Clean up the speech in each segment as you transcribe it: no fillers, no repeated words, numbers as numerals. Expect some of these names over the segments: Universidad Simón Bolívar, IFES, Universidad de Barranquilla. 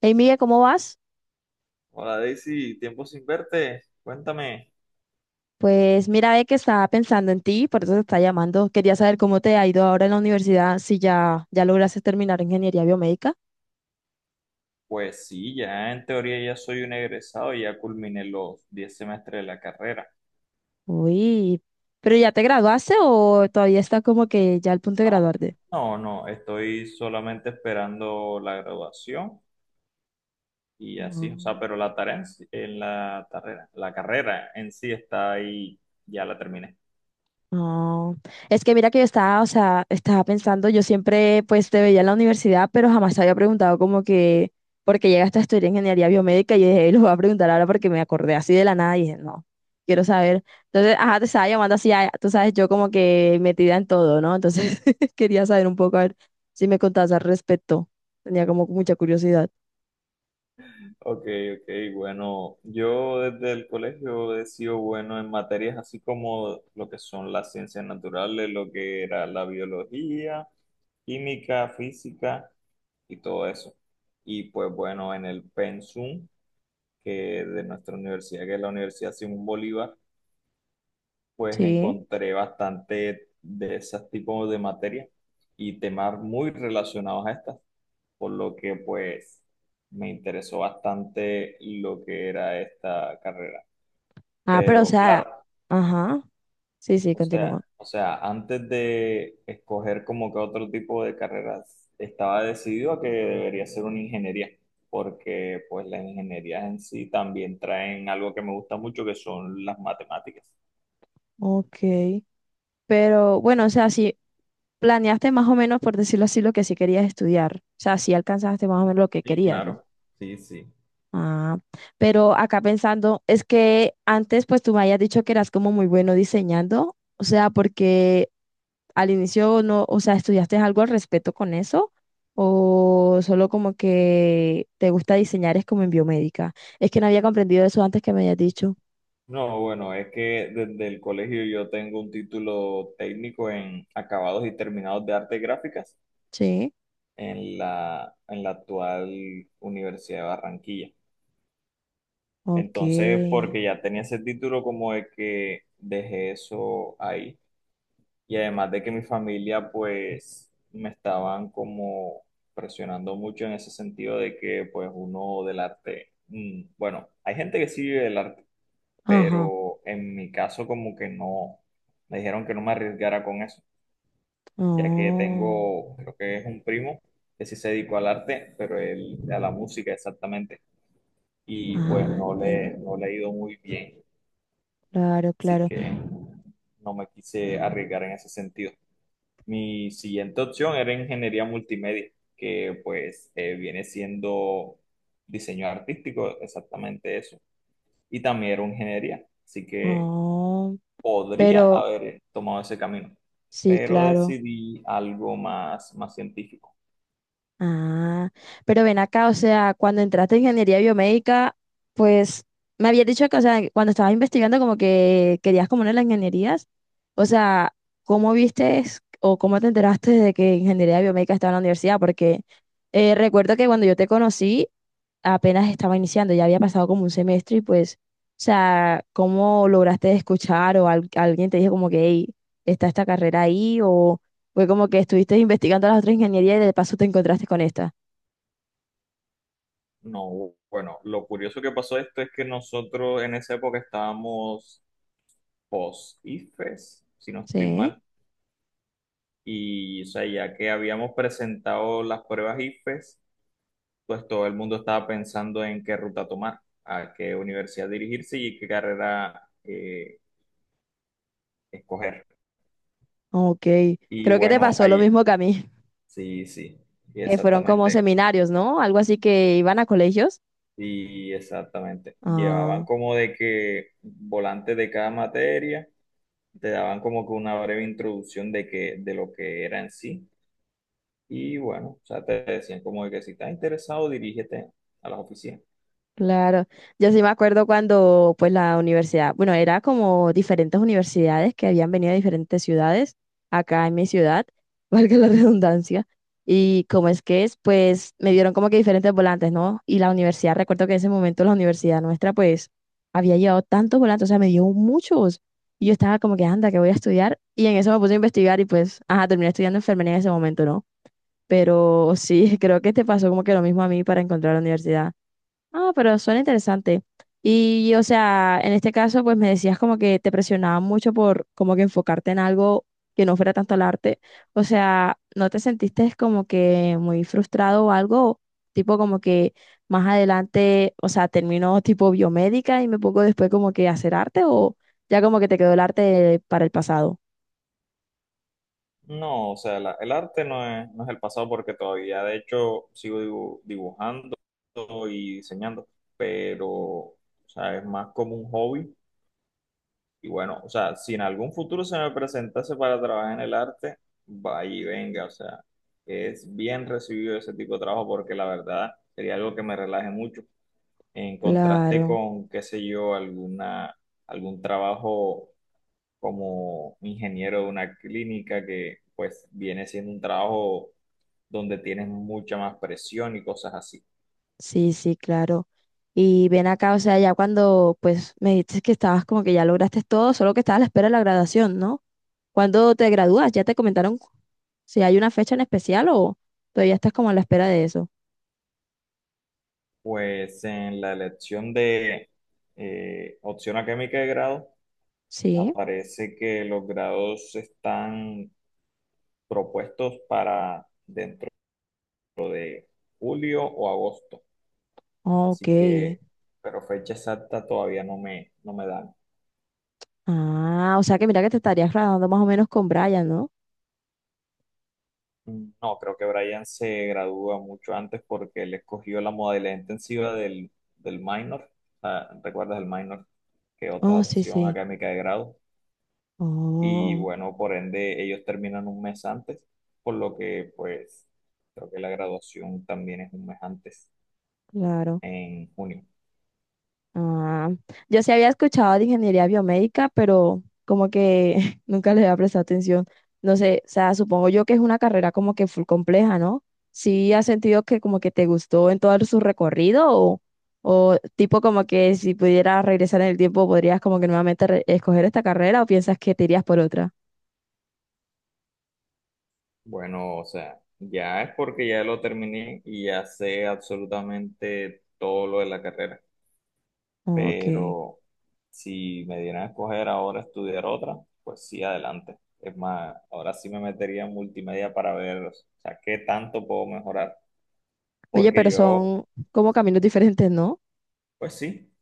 Hey Miguel, ¿cómo vas? Hola Daisy, tiempo sin verte, cuéntame. Pues mira, ve que estaba pensando en ti, por eso te está llamando. Quería saber cómo te ha ido ahora en la universidad, si ya lograste terminar ingeniería biomédica. Pues sí, ya en teoría ya soy un egresado, ya culminé los 10 semestres de la carrera. Uy, ¿pero ya te graduaste o todavía está como que ya al punto de No, graduarte? no, no, estoy solamente esperando la graduación y así, o sea, Ujú. pero la tarea en, sí- en la carrera en sí está ahí, ya la terminé. No, es que mira que yo estaba, o sea, estaba pensando, yo siempre pues te veía en la universidad, pero jamás te había preguntado como que, porque llegaste a estudiar ingeniería biomédica y dije, lo voy a preguntar ahora porque me acordé así de la nada y dije, no, quiero saber. Entonces, ajá, te estaba llamando así, ah, tú sabes, yo como que metida en todo, ¿no? Entonces, quería saber un poco, a ver si me contabas al respecto. Tenía como mucha curiosidad. Ok, ok, bueno, yo desde el colegio he sido bueno en materias así como lo que son las ciencias naturales, lo que era la biología, química, física y todo eso. Y pues bueno, en el pensum que de nuestra universidad, que es la Universidad Simón Bolívar, pues Sí. encontré bastante de esos tipos de materias y temas muy relacionados a estas por lo que pues me interesó bastante lo que era esta carrera. Ah, pero o Pero sea, claro, ajá, sí, sí, o sea, continúa. o sea, antes de escoger como que otro tipo de carreras, estaba decidido a que debería ser una ingeniería, porque pues las ingenierías en sí también traen algo que me gusta mucho, que son las matemáticas. Ok. Pero bueno, o sea, sí, planeaste más o menos, por decirlo así, lo que sí querías estudiar. O sea, sí alcanzaste más o menos lo que Sí, querías, ¿no? claro, sí, sí. Ah, pero acá pensando, es que antes pues tú me habías dicho que eras como muy bueno diseñando, o sea, porque al inicio no, o sea, ¿estudiaste algo al respecto con eso? ¿O solo como que te gusta diseñar es como en biomédica? Es que no había comprendido eso antes que me habías dicho. No, bueno, es que desde el colegio yo tengo un título técnico en acabados y terminados de artes gráficas Sí, en la actual Universidad de Barranquilla. ok. Entonces, porque ya tenía ese título como de que dejé eso ahí. Y además de que mi familia pues me estaban como presionando mucho en ese sentido de que pues uno del arte, mm, bueno, hay gente que sí vive del arte, Ajá. pero en mi caso como que no, me dijeron que no me arriesgara con eso. Ya que Oh. tengo, creo que es un primo que sí se dedicó al arte, pero él a la música exactamente, y pues Ah, no entiendo. le, no le ha ido muy bien, Claro, así claro. que no me quise arriesgar en ese sentido. Mi siguiente opción era ingeniería multimedia, que pues viene siendo diseño artístico, exactamente eso, y también era ingeniería, así que Oh, podría pero haber tomado ese camino, sí, pero claro. decidí algo más, más científico. Ah, pero ven acá, o sea, cuando entraste en ingeniería biomédica, pues me habías dicho que, o sea, cuando estabas investigando como que querías como una de las ingenierías, o sea, ¿cómo viste o cómo te enteraste de que ingeniería biomédica estaba en la universidad? Porque recuerdo que cuando yo te conocí, apenas estaba iniciando, ya había pasado como un semestre y pues, o sea, ¿cómo lograste escuchar o alguien te dijo como que, hey, está esta carrera ahí o fue como que estuviste investigando las otras ingenierías y de paso te encontraste con esta? No, bueno, lo curioso que pasó esto es que nosotros en esa época estábamos post-IFES, si no estoy Sí, mal, y o sea, ya que habíamos presentado las pruebas IFES, pues todo el mundo estaba pensando en qué ruta tomar, a qué universidad dirigirse y qué carrera escoger. ok. Y Creo que te bueno, pasó lo ahí, mismo que a mí, sí, sí, y que fueron como exactamente, seminarios, ¿no? Algo así que iban a colegios. y exactamente. Llevaban Ah. como de que volantes de cada materia te daban como que una breve introducción de que, de lo que era en sí. Y bueno, o sea, te decían como de que si estás interesado, dirígete a las oficinas. Claro, yo sí me acuerdo cuando pues la universidad, bueno, era como diferentes universidades que habían venido de diferentes ciudades, acá en mi ciudad, valga la redundancia, y como es que es, pues me dieron como que diferentes volantes, ¿no? Y la universidad, recuerdo que en ese momento la universidad nuestra pues había llevado tantos volantes, o sea, me dio muchos, y yo estaba como que anda, que voy a estudiar, y en eso me puse a investigar y pues, ajá, terminé estudiando enfermería en ese momento, ¿no? Pero sí, creo que te pasó como que lo mismo a mí para encontrar la universidad. Ah, pero suena interesante. Y, o sea, en este caso, pues me decías como que te presionaba mucho por como que enfocarte en algo que no fuera tanto el arte. O sea, ¿no te sentiste como que muy frustrado o algo? Tipo como que más adelante, o sea, termino tipo biomédica y me pongo después como que a hacer arte o ya como que te quedó el arte para el pasado. No, o sea, el arte no es el pasado porque todavía, de hecho, sigo dibujando y diseñando, pero, o sea, es más como un hobby. Y bueno, o sea, si en algún futuro se me presentase para trabajar en el arte, vaya y venga, o sea, es bien recibido ese tipo de trabajo porque la verdad sería algo que me relaje mucho en contraste Claro. con, qué sé yo, alguna, algún trabajo como ingeniero de una clínica que pues viene siendo un trabajo donde tienes mucha más presión y cosas así. Sí, sí, claro. Y ven acá, o sea, ya cuando pues me dices que estabas como que ya lograste todo, solo que estabas a la espera de la graduación, ¿no? ¿Cuándo te gradúas? ¿Ya te comentaron si hay una fecha en especial o todavía estás como a la espera de eso? Pues en la elección de opción académica de grado Sí, aparece que los grados están propuestos para dentro de julio o agosto. ok. Así que, pero fecha exacta todavía no me dan. Ah, o sea que mira que te estarías graduando más o menos con Brian, ¿no? No, creo que Brian se gradúa mucho antes porque él escogió la modalidad intensiva del minor, ah, ¿recuerdas el minor? Que otra Oh, sí, opción sí. académica de grado. Y Oh, bueno, por ende, ellos terminan un mes antes, por lo que pues creo que la graduación también es un mes antes, claro. en junio. Ah, yo sí había escuchado de ingeniería biomédica, pero como que nunca le había prestado atención. No sé, o sea, supongo yo que es una carrera como que full compleja, ¿no? ¿Sí has sentido que como que te gustó en todo su recorrido o tipo como que si pudieras regresar en el tiempo podrías como que nuevamente escoger esta carrera o piensas que te irías por otra? Bueno, o sea, ya es porque ya lo terminé y ya sé absolutamente todo lo de la carrera. Ok. Pero si me dieran a escoger ahora estudiar otra, pues sí, adelante. Es más, ahora sí me metería en multimedia para ver, o sea, qué tanto puedo mejorar. Oye, Porque pero yo, son como caminos diferentes, ¿no? pues sí,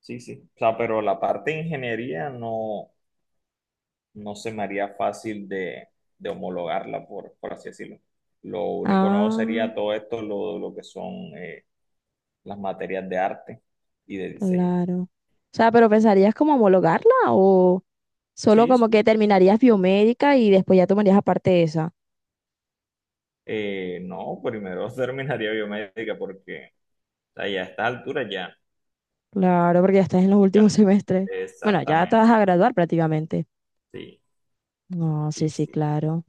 sí. O sea, pero la parte de ingeniería no, no se me haría fácil de homologarla, por así decirlo. Lo único nuevo Ah. sería todo esto, lo que son las materias de arte y de diseño. Claro. O sea, pero ¿pensarías como homologarla o solo Sí, como sí. que terminarías biomédica y después ya tomarías aparte esa? No, primero terminaría biomédica porque sea, ya a estas alturas ya, Claro, porque ya estás en los ya no. últimos semestres. Bueno, ya te Exactamente. vas a graduar prácticamente. Sí, No, sí, sí, sí, sí. claro.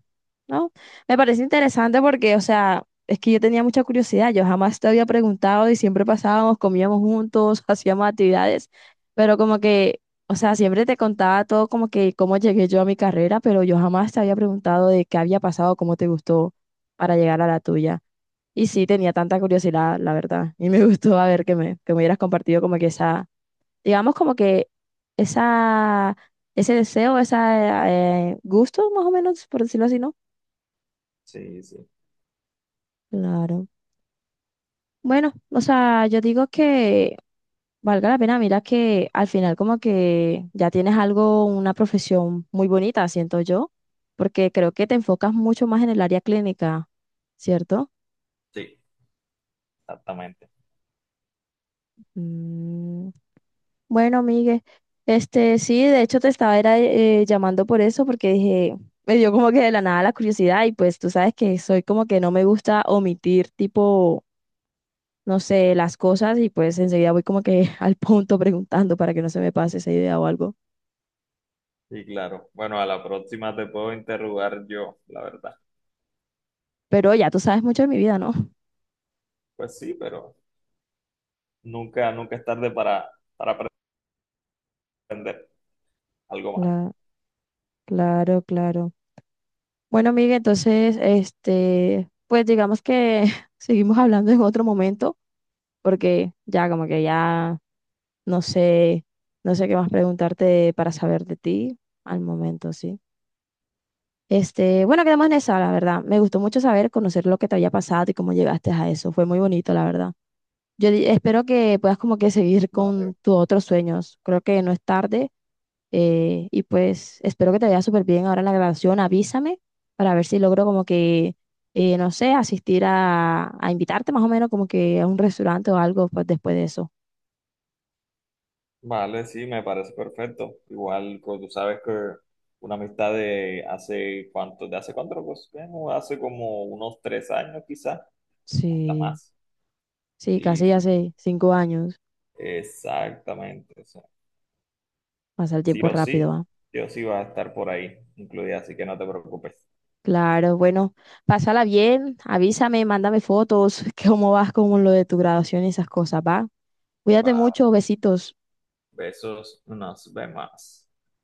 ¿No? Me parece interesante porque, o sea, es que yo tenía mucha curiosidad, yo jamás te había preguntado y siempre pasábamos, comíamos juntos, hacíamos actividades, pero como que, o sea, siempre te contaba todo como que cómo llegué yo a mi carrera, pero yo jamás te había preguntado de qué había pasado, cómo te gustó para llegar a la tuya. Y sí, tenía tanta curiosidad, la verdad, y me gustó a ver que que me hubieras compartido como que esa, digamos como que esa, ese deseo, ese gusto, más o menos, por decirlo así, ¿no? Sí, sí. Claro. Bueno, o sea, yo digo que valga la pena, mira que al final como que ya tienes algo, una profesión muy bonita, siento yo, porque creo que te enfocas mucho más en el área clínica, ¿cierto? Sí, exactamente. Mm, bueno, Miguel, este, sí, de hecho te estaba era, llamando por eso, porque dije, me dio como que de la nada la curiosidad y pues tú sabes que soy como que no me gusta omitir tipo, no sé, las cosas y pues enseguida voy como que al punto preguntando para que no se me pase esa idea o algo. Sí, claro. Bueno, a la próxima te puedo interrogar yo, la verdad. Pero ya tú sabes mucho de mi vida, ¿no? Pues sí, pero nunca es tarde para aprender algo más. Cla- claro, claro. Bueno, amiga, entonces, este, pues digamos que seguimos hablando en otro momento, porque ya como que ya no sé, no sé qué más preguntarte para saber de ti al momento, sí. Este, bueno, quedamos en esa, la verdad. Me gustó mucho saber, conocer lo que te había pasado y cómo llegaste a eso. Fue muy bonito, la verdad. Yo espero que puedas como que seguir con Vale. tus otros sueños. Creo que no es tarde. Y pues espero que te vaya súper bien ahora en la grabación. Avísame para ver si logro como que, no sé, asistir a, invitarte más o menos como que a un restaurante o algo pues después de eso. Vale, sí, me parece perfecto. Igual, pues tú sabes que una amistad de hace cuánto, pues bueno, hace como unos 3 años quizás, hasta Sí, más. sí, Sí, casi sí. hace 5 años. Exactamente. Sí. Pasa el Sí tiempo o sí, rápido, ¿ah? sí o sí va a estar por ahí incluida, así que no te preocupes. Claro, bueno, pásala bien, avísame, mándame fotos, cómo vas con lo de tu graduación y esas cosas, ¿va? Cuídate Va, mucho, besitos. besos, nos vemos.